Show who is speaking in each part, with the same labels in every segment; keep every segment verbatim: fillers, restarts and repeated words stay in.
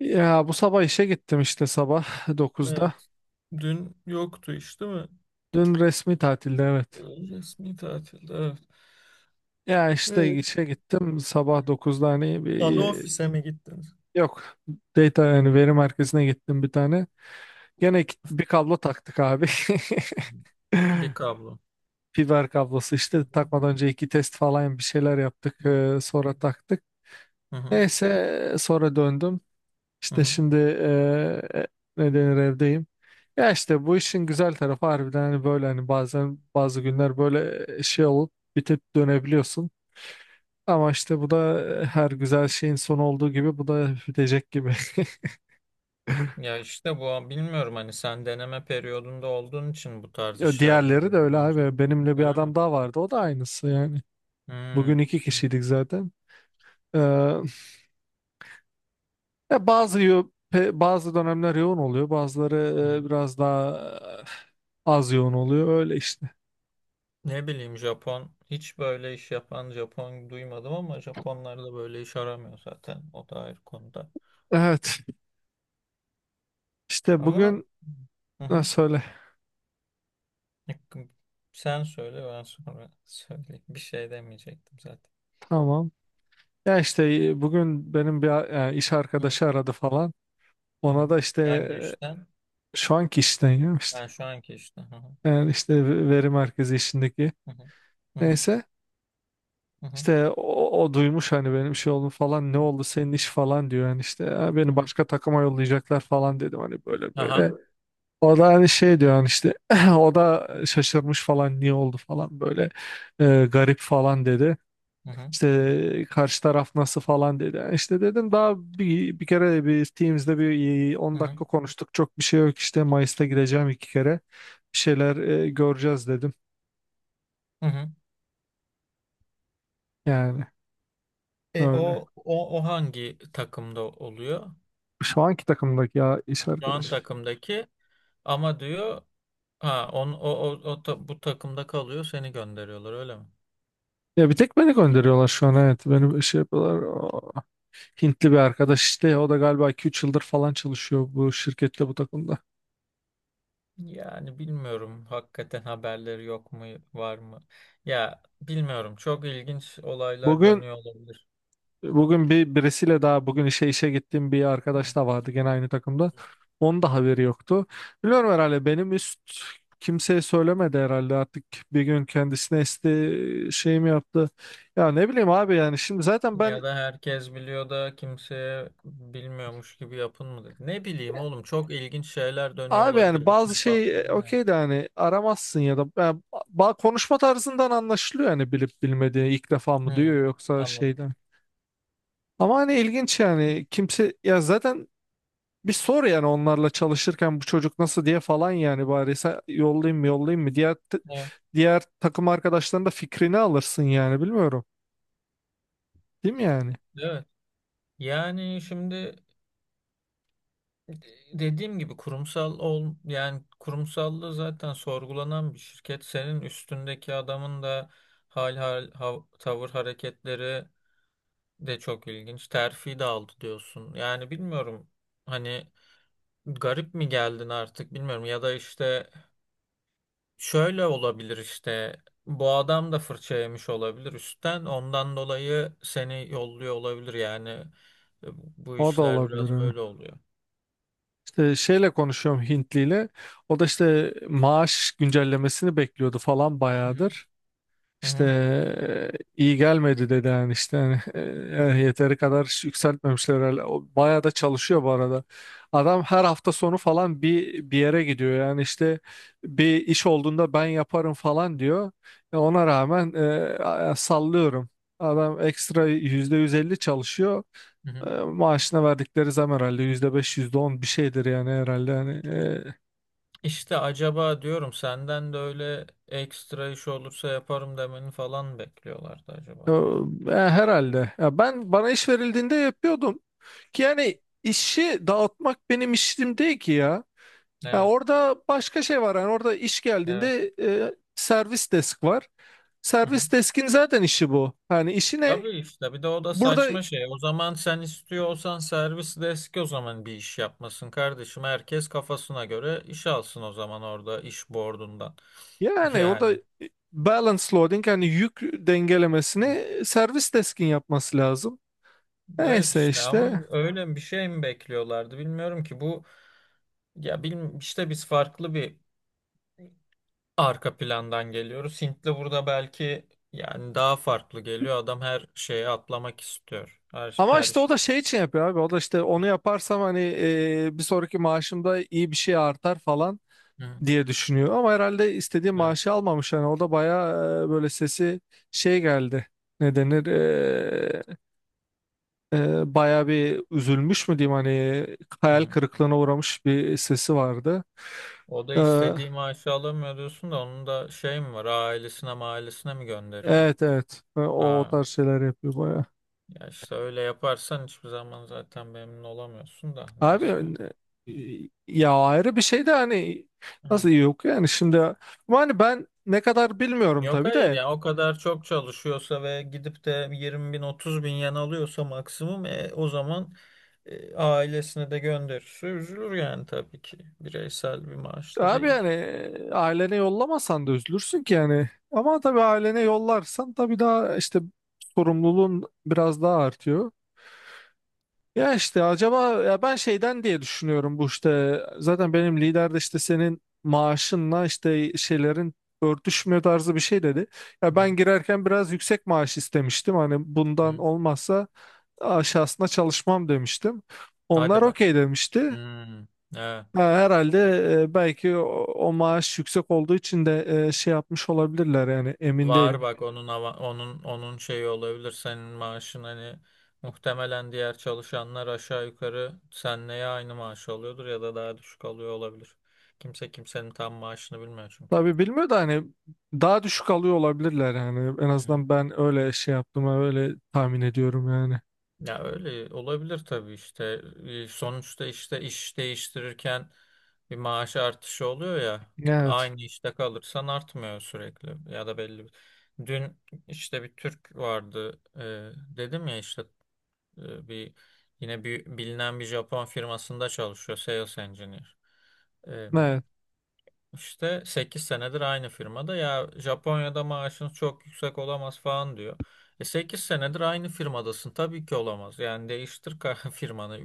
Speaker 1: Ya bu sabah işe gittim işte sabah dokuzda.
Speaker 2: Evet. Dün yoktu iş, değil mi?
Speaker 1: Dün resmi tatilde evet.
Speaker 2: Resmi tatilde. Evet.
Speaker 1: Ya işte
Speaker 2: Evet.
Speaker 1: işe gittim sabah dokuzda hani bir
Speaker 2: Ana ofise mi gittiniz?
Speaker 1: yok data yani veri merkezine gittim bir tane. Gene iki- bir kablo taktık abi.
Speaker 2: Bir kablo.
Speaker 1: Fiber kablosu
Speaker 2: Hı
Speaker 1: işte
Speaker 2: hı.
Speaker 1: takmadan önce iki test falan bir şeyler yaptık
Speaker 2: Hı hı.
Speaker 1: e, sonra taktık.
Speaker 2: Hı hı.
Speaker 1: Neyse sonra döndüm.
Speaker 2: Hı
Speaker 1: İşte
Speaker 2: hı.
Speaker 1: şimdi e, e, ne denir evdeyim. Ya işte bu işin güzel tarafı harbiden hani böyle hani bazen bazı günler böyle e, şey olup bitip dönebiliyorsun. Ama işte bu da e, her güzel şeyin son olduğu gibi bu da bitecek gibi.
Speaker 2: Ya işte bu bilmiyorum, hani sen deneme periyodunda olduğun için bu tarz
Speaker 1: Ya
Speaker 2: işler
Speaker 1: Diğerleri de öyle
Speaker 2: veriyorlar
Speaker 1: abi.
Speaker 2: öncelikle.
Speaker 1: Benimle bir
Speaker 2: Öyle mi?
Speaker 1: adam daha vardı. O da aynısı yani. Bugün
Speaker 2: Hmm.
Speaker 1: iki kişiydik zaten. Ee, ya bazı yo- pe- bazı dönemler yoğun oluyor.
Speaker 2: Hı
Speaker 1: Bazıları e,
Speaker 2: hı.
Speaker 1: biraz daha e, az yoğun oluyor. Öyle işte.
Speaker 2: Ne bileyim, Japon hiç böyle iş yapan Japon duymadım ama Japonlar da böyle iş aramıyor zaten, o da ayrı konuda.
Speaker 1: Evet. İşte
Speaker 2: Ama.
Speaker 1: bugün
Speaker 2: Hı hı.
Speaker 1: ha, söyle.
Speaker 2: Hakkım, Sen söyle, ben sonra söyleyeyim. Bir şey demeyecektim zaten.
Speaker 1: Tamam. Ya işte e, bugün benim bir e, iş
Speaker 2: Hı hı.
Speaker 1: arkadaşı aradı falan.
Speaker 2: Hı
Speaker 1: Ona
Speaker 2: hı.
Speaker 1: da işte
Speaker 2: Hangi işten?
Speaker 1: e, şu anki işten ya işte.
Speaker 2: Ben şu anki işte. Hı hı.
Speaker 1: Yani işte ve- veri merkezi işindeki.
Speaker 2: Hı hı.
Speaker 1: Neyse
Speaker 2: Hı hı.
Speaker 1: işte o, o duymuş hani benim şey oldu falan ne
Speaker 2: Hı hı.
Speaker 1: oldu senin iş falan diyor. Yani işte "Ya
Speaker 2: Hı
Speaker 1: beni
Speaker 2: hı.
Speaker 1: başka takıma yollayacaklar falan dedim hani böyle
Speaker 2: Aha.
Speaker 1: böyle. O da hani şey diyor hani işte o da şaşırmış falan niye oldu falan böyle e, garip falan dedi.
Speaker 2: Hı hı.
Speaker 1: İşte karşı taraf nasıl falan dedi. Yani İşte dedim daha bir, bir kere bir Teams'de bir e,
Speaker 2: Hı
Speaker 1: on
Speaker 2: hı.
Speaker 1: dakika konuştuk. Çok bir şey yok işte Mayıs'ta gideceğim iki kere. Bir şeyler e, göreceğiz dedim.
Speaker 2: Hı hı.
Speaker 1: Yani
Speaker 2: E o
Speaker 1: öyle.
Speaker 2: o o hangi takımda oluyor?
Speaker 1: Şu anki takımdaki ya iş
Speaker 2: Şu an
Speaker 1: arkadaş.
Speaker 2: takımdaki, ama diyor ha on o o, o ta- bu takımda kalıyor, seni gönderiyorlar öyle mi?
Speaker 1: Ya bir tek beni gönderiyorlar şu an, evet. Beni şey yapıyorlar. Aa, Hintli bir arkadaş işte. O da galiba iki üç yıldır falan çalışıyor bu şirkette bu takımda.
Speaker 2: Yani bilmiyorum, hakikaten haberleri yok mu, var mı? Ya bilmiyorum, çok ilginç olaylar
Speaker 1: Bugün
Speaker 2: dönüyor olabilir.
Speaker 1: Bugün bir birisiyle daha bugün işe işe gittiğim bir
Speaker 2: Hı hı.
Speaker 1: arkadaş da vardı gene aynı takımda. Onun da haberi yoktu. Biliyorum herhalde benim üst kimseye söylemedi herhalde artık bir gün kendisine esti şey mi yaptı. Ya ne bileyim abi yani şimdi zaten
Speaker 2: Ya
Speaker 1: ben
Speaker 2: da herkes biliyor da kimseye bilmiyormuş gibi yapın mı dedi. Ne bileyim oğlum, çok ilginç şeyler dönüyor
Speaker 1: abi yani
Speaker 2: olabilir. Bir
Speaker 1: bazı şey e,
Speaker 2: şeffaflığım var.
Speaker 1: okey de hani aramazsın ya da yani ba- konuşma tarzından anlaşılıyor yani bilip bilmediği ilk defa mı
Speaker 2: Hı,
Speaker 1: duyuyor yoksa
Speaker 2: anladım.
Speaker 1: şeyden. Ama hani ilginç yani kimse ya zaten Bir sor yani onlarla çalışırken bu çocuk nasıl diye falan yani bari sen yollayayım mı yollayayım mı diğer t-
Speaker 2: Evet.
Speaker 1: diğer takım arkadaşlarının da fikrini alırsın yani bilmiyorum. Değil mi yani?
Speaker 2: Evet. Yani şimdi, E, dediğim gibi kurumsal ol, yani kurumsallığı zaten sorgulanan bir şirket. Senin üstündeki adamın da hal hal hav- tavır hareketleri de çok ilginç. Terfi de aldı diyorsun. Yani bilmiyorum, hani garip mi geldin artık bilmiyorum, ya da işte şöyle olabilir, işte bu adam da fırça yemiş olabilir üstten, ondan dolayı seni yolluyor olabilir yani, e, bu
Speaker 1: O da
Speaker 2: işler
Speaker 1: olabilir
Speaker 2: biraz
Speaker 1: ha.
Speaker 2: böyle oluyor.
Speaker 1: İşte şeyle konuşuyorum Hintliyle. O da işte maaş güncellemesini bekliyordu falan
Speaker 2: Hı hı.
Speaker 1: bayağıdır.
Speaker 2: Hı
Speaker 1: İşte
Speaker 2: hı.
Speaker 1: e, iyi gelmedi dedi yani işte hani, e,
Speaker 2: Hı
Speaker 1: e,
Speaker 2: hı.
Speaker 1: yeteri kadar yükseltmemişler herhalde. O bayağı da çalışıyor bu arada. Adam her hafta sonu falan bir bir yere gidiyor yani işte bir iş olduğunda ben yaparım falan diyor. E, ona rağmen e, a- sallıyorum. Adam ekstra yüzde yüz elli çalışıyor.
Speaker 2: Hı hı.
Speaker 1: E, maaşına verdikleri zam herhalde yüzde beş yüzde on bir şeydir yani herhalde yani. E,
Speaker 2: İşte acaba diyorum, senden de öyle ekstra iş olursa yaparım demeni falan bekliyorlardı
Speaker 1: e,
Speaker 2: acaba.
Speaker 1: herhalde. Ya ben bana iş verildiğinde yapıyordum. Yani işi dağıtmak benim işim değil ki ya. Ya
Speaker 2: Evet,
Speaker 1: orada başka şey var. Yani orada iş
Speaker 2: evet.
Speaker 1: geldiğinde e, servis desk var.
Speaker 2: Hı hı.
Speaker 1: Servis deskin zaten işi bu. Hani işi ne?
Speaker 2: Tabii işte, bir de o da
Speaker 1: Burada
Speaker 2: saçma şey. O zaman sen istiyor olsan, servis deski o zaman bir iş yapmasın kardeşim. Herkes kafasına göre iş alsın o zaman, orada iş boardundan.
Speaker 1: yani
Speaker 2: Yani.
Speaker 1: orada balance loading yani yük
Speaker 2: Evet,
Speaker 1: dengelemesini servis deskin yapması lazım.
Speaker 2: evet,
Speaker 1: Neyse
Speaker 2: işte ama
Speaker 1: işte.
Speaker 2: öyle bir şey mi bekliyorlardı bilmiyorum ki bu. Ya bilmiyorum, işte biz farklı bir arka plandan geliyoruz. Hintli burada belki yani daha farklı geliyor. Adam her şeye atlamak istiyor. Her
Speaker 1: Ama
Speaker 2: her
Speaker 1: işte o
Speaker 2: şey.
Speaker 1: da şey için yapıyor abi. O da işte onu yaparsam hani e, bir sonraki maaşımda iyi bir şey artar falan
Speaker 2: Hı,
Speaker 1: diye düşünüyor. Ama herhalde istediği
Speaker 2: evet.
Speaker 1: maaşı almamış. Yani o da bayağı e, böyle sesi şey geldi. Ne denir? E, e, bayağı bir üzülmüş mü diyeyim hani
Speaker 2: Hı
Speaker 1: hayal
Speaker 2: hı.
Speaker 1: kırıklığına uğramış bir sesi vardı.
Speaker 2: O da
Speaker 1: E,
Speaker 2: istediği maaşı alamıyor diyorsun da onun da şey mi var? Ailesine ailesine mi gönderiyor?
Speaker 1: evet, evet. E, O, o
Speaker 2: Ha,
Speaker 1: tarz şeyler yapıyor bayağı.
Speaker 2: ya işte öyle yaparsan hiçbir zaman zaten memnun olamıyorsun da
Speaker 1: Abi
Speaker 2: neyse.
Speaker 1: e, ya ayrı bir şey de hani nasıl
Speaker 2: Hı.
Speaker 1: yok yani şimdi ama hani ben ne kadar bilmiyorum
Speaker 2: Yok,
Speaker 1: tabii
Speaker 2: hayır
Speaker 1: de.
Speaker 2: ya, o kadar çok çalışıyorsa ve gidip de yirmi bin otuz bin yen alıyorsa maksimum, e, o zaman, E, ailesine de gönderirse üzülür yani, tabii ki. Bireysel bir maaş da
Speaker 1: Abi
Speaker 2: değil ki.
Speaker 1: yani e, ailene yollamasan da üzülürsün ki yani. Ama tabii ailene yollarsan tabii daha işte sorumluluğun biraz daha artıyor. Ya işte acaba ya ben şeyden diye düşünüyorum bu işte zaten benim lider de işte senin maaşınla işte şeylerin örtüşmüyor tarzı bir şey dedi. Ya ben
Speaker 2: Hı
Speaker 1: girerken biraz yüksek maaş istemiştim hani bundan
Speaker 2: hı.
Speaker 1: olmazsa aşağısına çalışmam demiştim.
Speaker 2: Hadi
Speaker 1: Onlar
Speaker 2: be.
Speaker 1: okey demişti.
Speaker 2: Hmm, evet.
Speaker 1: Ha, herhalde e, belki o, o maaş yüksek olduğu için de e, şey yapmış olabilirler yani emin
Speaker 2: Var
Speaker 1: değilim.
Speaker 2: bak, onun ava- onun onun şeyi olabilir senin maaşın, hani muhtemelen diğer çalışanlar aşağı yukarı senle ya aynı maaş alıyordur ya da daha düşük alıyor olabilir. Kimse kimsenin tam maaşını bilmiyor çünkü.
Speaker 1: Tabii bilmiyor da hani daha düşük alıyor olabilirler yani en azından ben öyle şey yaptım öyle tahmin ediyorum yani.
Speaker 2: Ya öyle olabilir tabii işte. E, Sonuçta işte iş değiştirirken bir maaş artışı oluyor ya.
Speaker 1: Evet.
Speaker 2: Aynı işte kalırsan artmıyor sürekli ya da belli. bir- Dün işte bir Türk vardı, e, dedim ya işte, e, bir yine bir bilinen bir Japon firmasında çalışıyor sales engineer.
Speaker 1: Evet.
Speaker 2: İşte sekiz senedir aynı firmada, ya Japonya'da maaşınız çok yüksek olamaz falan diyor. E sekiz senedir aynı firmadasın tabii ki olamaz. Yani değiştir ka- firmanı.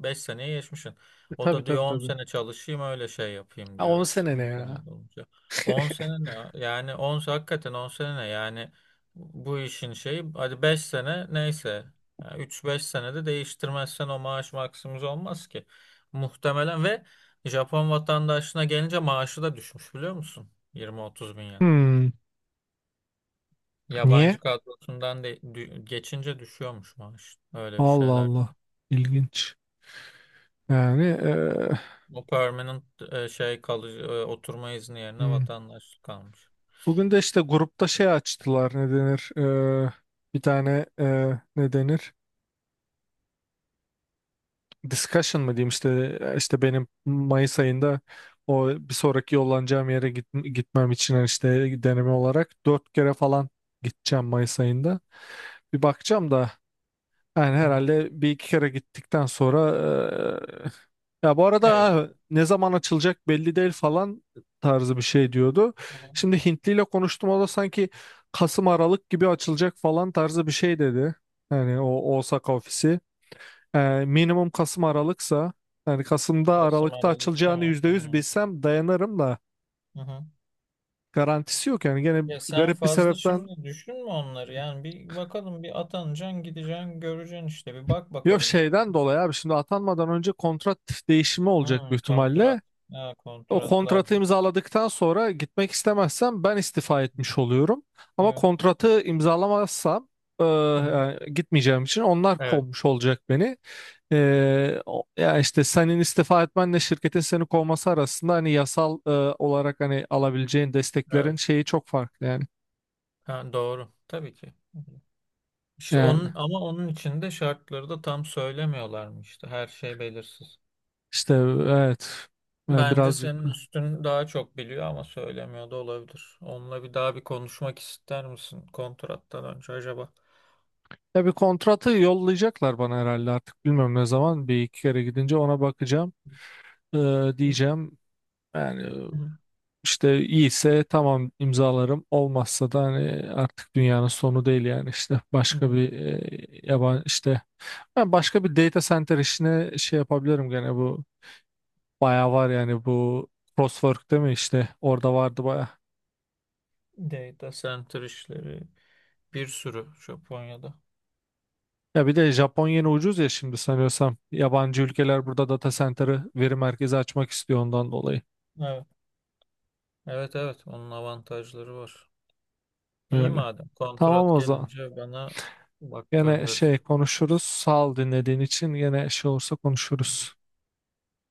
Speaker 2: Beş seneye geçmişsin.
Speaker 1: E,
Speaker 2: O
Speaker 1: tabii,
Speaker 2: da diyor
Speaker 1: tabii,
Speaker 2: on
Speaker 1: tabii.
Speaker 2: sene çalışayım, öyle şey yapayım
Speaker 1: Ha,
Speaker 2: diyor
Speaker 1: on
Speaker 2: işte
Speaker 1: sene
Speaker 2: on
Speaker 1: ne
Speaker 2: sene
Speaker 1: ya?
Speaker 2: olunca. On sene ne? Yani on se- hakikaten on sene ne? Yani bu işin şeyi, hadi beş sene neyse. Yani üç beş senede değiştirmezsen o maaş maksimum olmaz ki. Muhtemelen. Ve Japon vatandaşına gelince maaşı da düşmüş biliyor musun? Yirmi otuz bin yen.
Speaker 1: Hmm, niye?
Speaker 2: Yabancı kadrosundan de dü- geçince düşüyormuş maaş. Öyle bir
Speaker 1: Allah
Speaker 2: şeyler.
Speaker 1: Allah. İlginç. Yani e,
Speaker 2: O permanent, e, şey, kalıcı, e, oturma izni yerine
Speaker 1: hmm.
Speaker 2: vatandaşlık kalmış.
Speaker 1: Bugün de işte grupta şey açtılar, ne denir? E, bir tane e, ne denir? discussion mı diyeyim işte işte benim Mayıs ayında o bir sonraki yollanacağım yere git, gitmem için hani işte deneme olarak dört kere falan gideceğim Mayıs ayında. Bir bakacağım da yani
Speaker 2: Hı hı.
Speaker 1: herhalde bir iki kere gittikten sonra eee, ya bu arada
Speaker 2: Evet.
Speaker 1: ha, ne zaman açılacak belli değil falan tarzı bir şey diyordu.
Speaker 2: Hı hı.
Speaker 1: Şimdi Hintli ile konuştum o da sanki Kasım Aralık gibi açılacak falan tarzı bir şey dedi. Yani o Osaka ofisi. Ee, minimum Kasım Aralık'sa yani Kasım'da
Speaker 2: Kasım
Speaker 1: Aralık'ta
Speaker 2: Aralık
Speaker 1: açılacağını
Speaker 2: tamam.
Speaker 1: yüzde yüz
Speaker 2: Hı.
Speaker 1: bilsem dayanırım da
Speaker 2: Hı hı.
Speaker 1: garantisi yok yani gene
Speaker 2: Ya sen
Speaker 1: garip bir
Speaker 2: fazla
Speaker 1: sebepten
Speaker 2: şimdi düşünme onları. Yani bir bakalım, bir atanacaksın, gideceksin, göreceksin işte. Bir bak
Speaker 1: yok
Speaker 2: bakalım.
Speaker 1: şeyden dolayı abi şimdi atanmadan önce kontrat değişimi olacak büyük
Speaker 2: Hı,
Speaker 1: ihtimalle.
Speaker 2: kontrat. Ha,
Speaker 1: O
Speaker 2: kontratlar. Hı
Speaker 1: kontratı imzaladıktan sonra gitmek istemezsem ben istifa
Speaker 2: hı.
Speaker 1: etmiş oluyorum. Ama
Speaker 2: Evet.
Speaker 1: kontratı imzalamazsam e,
Speaker 2: Hı hı.
Speaker 1: yani gitmeyeceğim için onlar
Speaker 2: Evet.
Speaker 1: kovmuş olacak beni. E, o- yani işte senin istifa etmenle şirketin seni kovması arasında hani yasal e, olarak hani alabileceğin desteklerin
Speaker 2: Evet.
Speaker 1: şeyi çok farklı yani.
Speaker 2: Ha, doğru. Tabii ki. İşte
Speaker 1: Yani
Speaker 2: onun, ama onun için de şartları da tam söylemiyorlar mı? Söylemiyorlarmıştı. Her şey belirsiz.
Speaker 1: işte evet yani
Speaker 2: Bence
Speaker 1: birazcık
Speaker 2: senin
Speaker 1: da.
Speaker 2: üstün daha çok biliyor ama söylemiyor da olabilir. Onunla bir daha bir konuşmak ister misin kontrattan önce acaba?
Speaker 1: Ya bir kontratı yollayacaklar bana herhalde artık bilmiyorum, ne zaman bir iki kere gidince ona bakacağım, E,
Speaker 2: Hı
Speaker 1: diyeceğim. Yani
Speaker 2: hı,
Speaker 1: İşte iyiyse tamam imzalarım. Olmazsa da hani artık dünyanın sonu değil yani işte
Speaker 2: hı
Speaker 1: başka
Speaker 2: hı.
Speaker 1: bir e, yaban işte ben başka bir data center işine şey yapabilirim gene bu bayağı var yani bu Crosswork değil mi işte orada vardı bayağı.
Speaker 2: Data center işleri bir sürü Japonya'da.
Speaker 1: Ya bir de Japon yeni ucuz ya şimdi sanıyorsam yabancı ülkeler burada data center'ı veri merkezi açmak istiyor ondan dolayı.
Speaker 2: Evet. Evet, evet, onun avantajları var. İyi
Speaker 1: Öyle.
Speaker 2: madem,
Speaker 1: Tamam
Speaker 2: kontrat
Speaker 1: o zaman.
Speaker 2: gelince bana bak,
Speaker 1: Gene şey
Speaker 2: gönderirsin,
Speaker 1: konuşuruz.
Speaker 2: bakarsın.
Speaker 1: Sağ ol dinlediğin için. Gene şey olursa konuşuruz.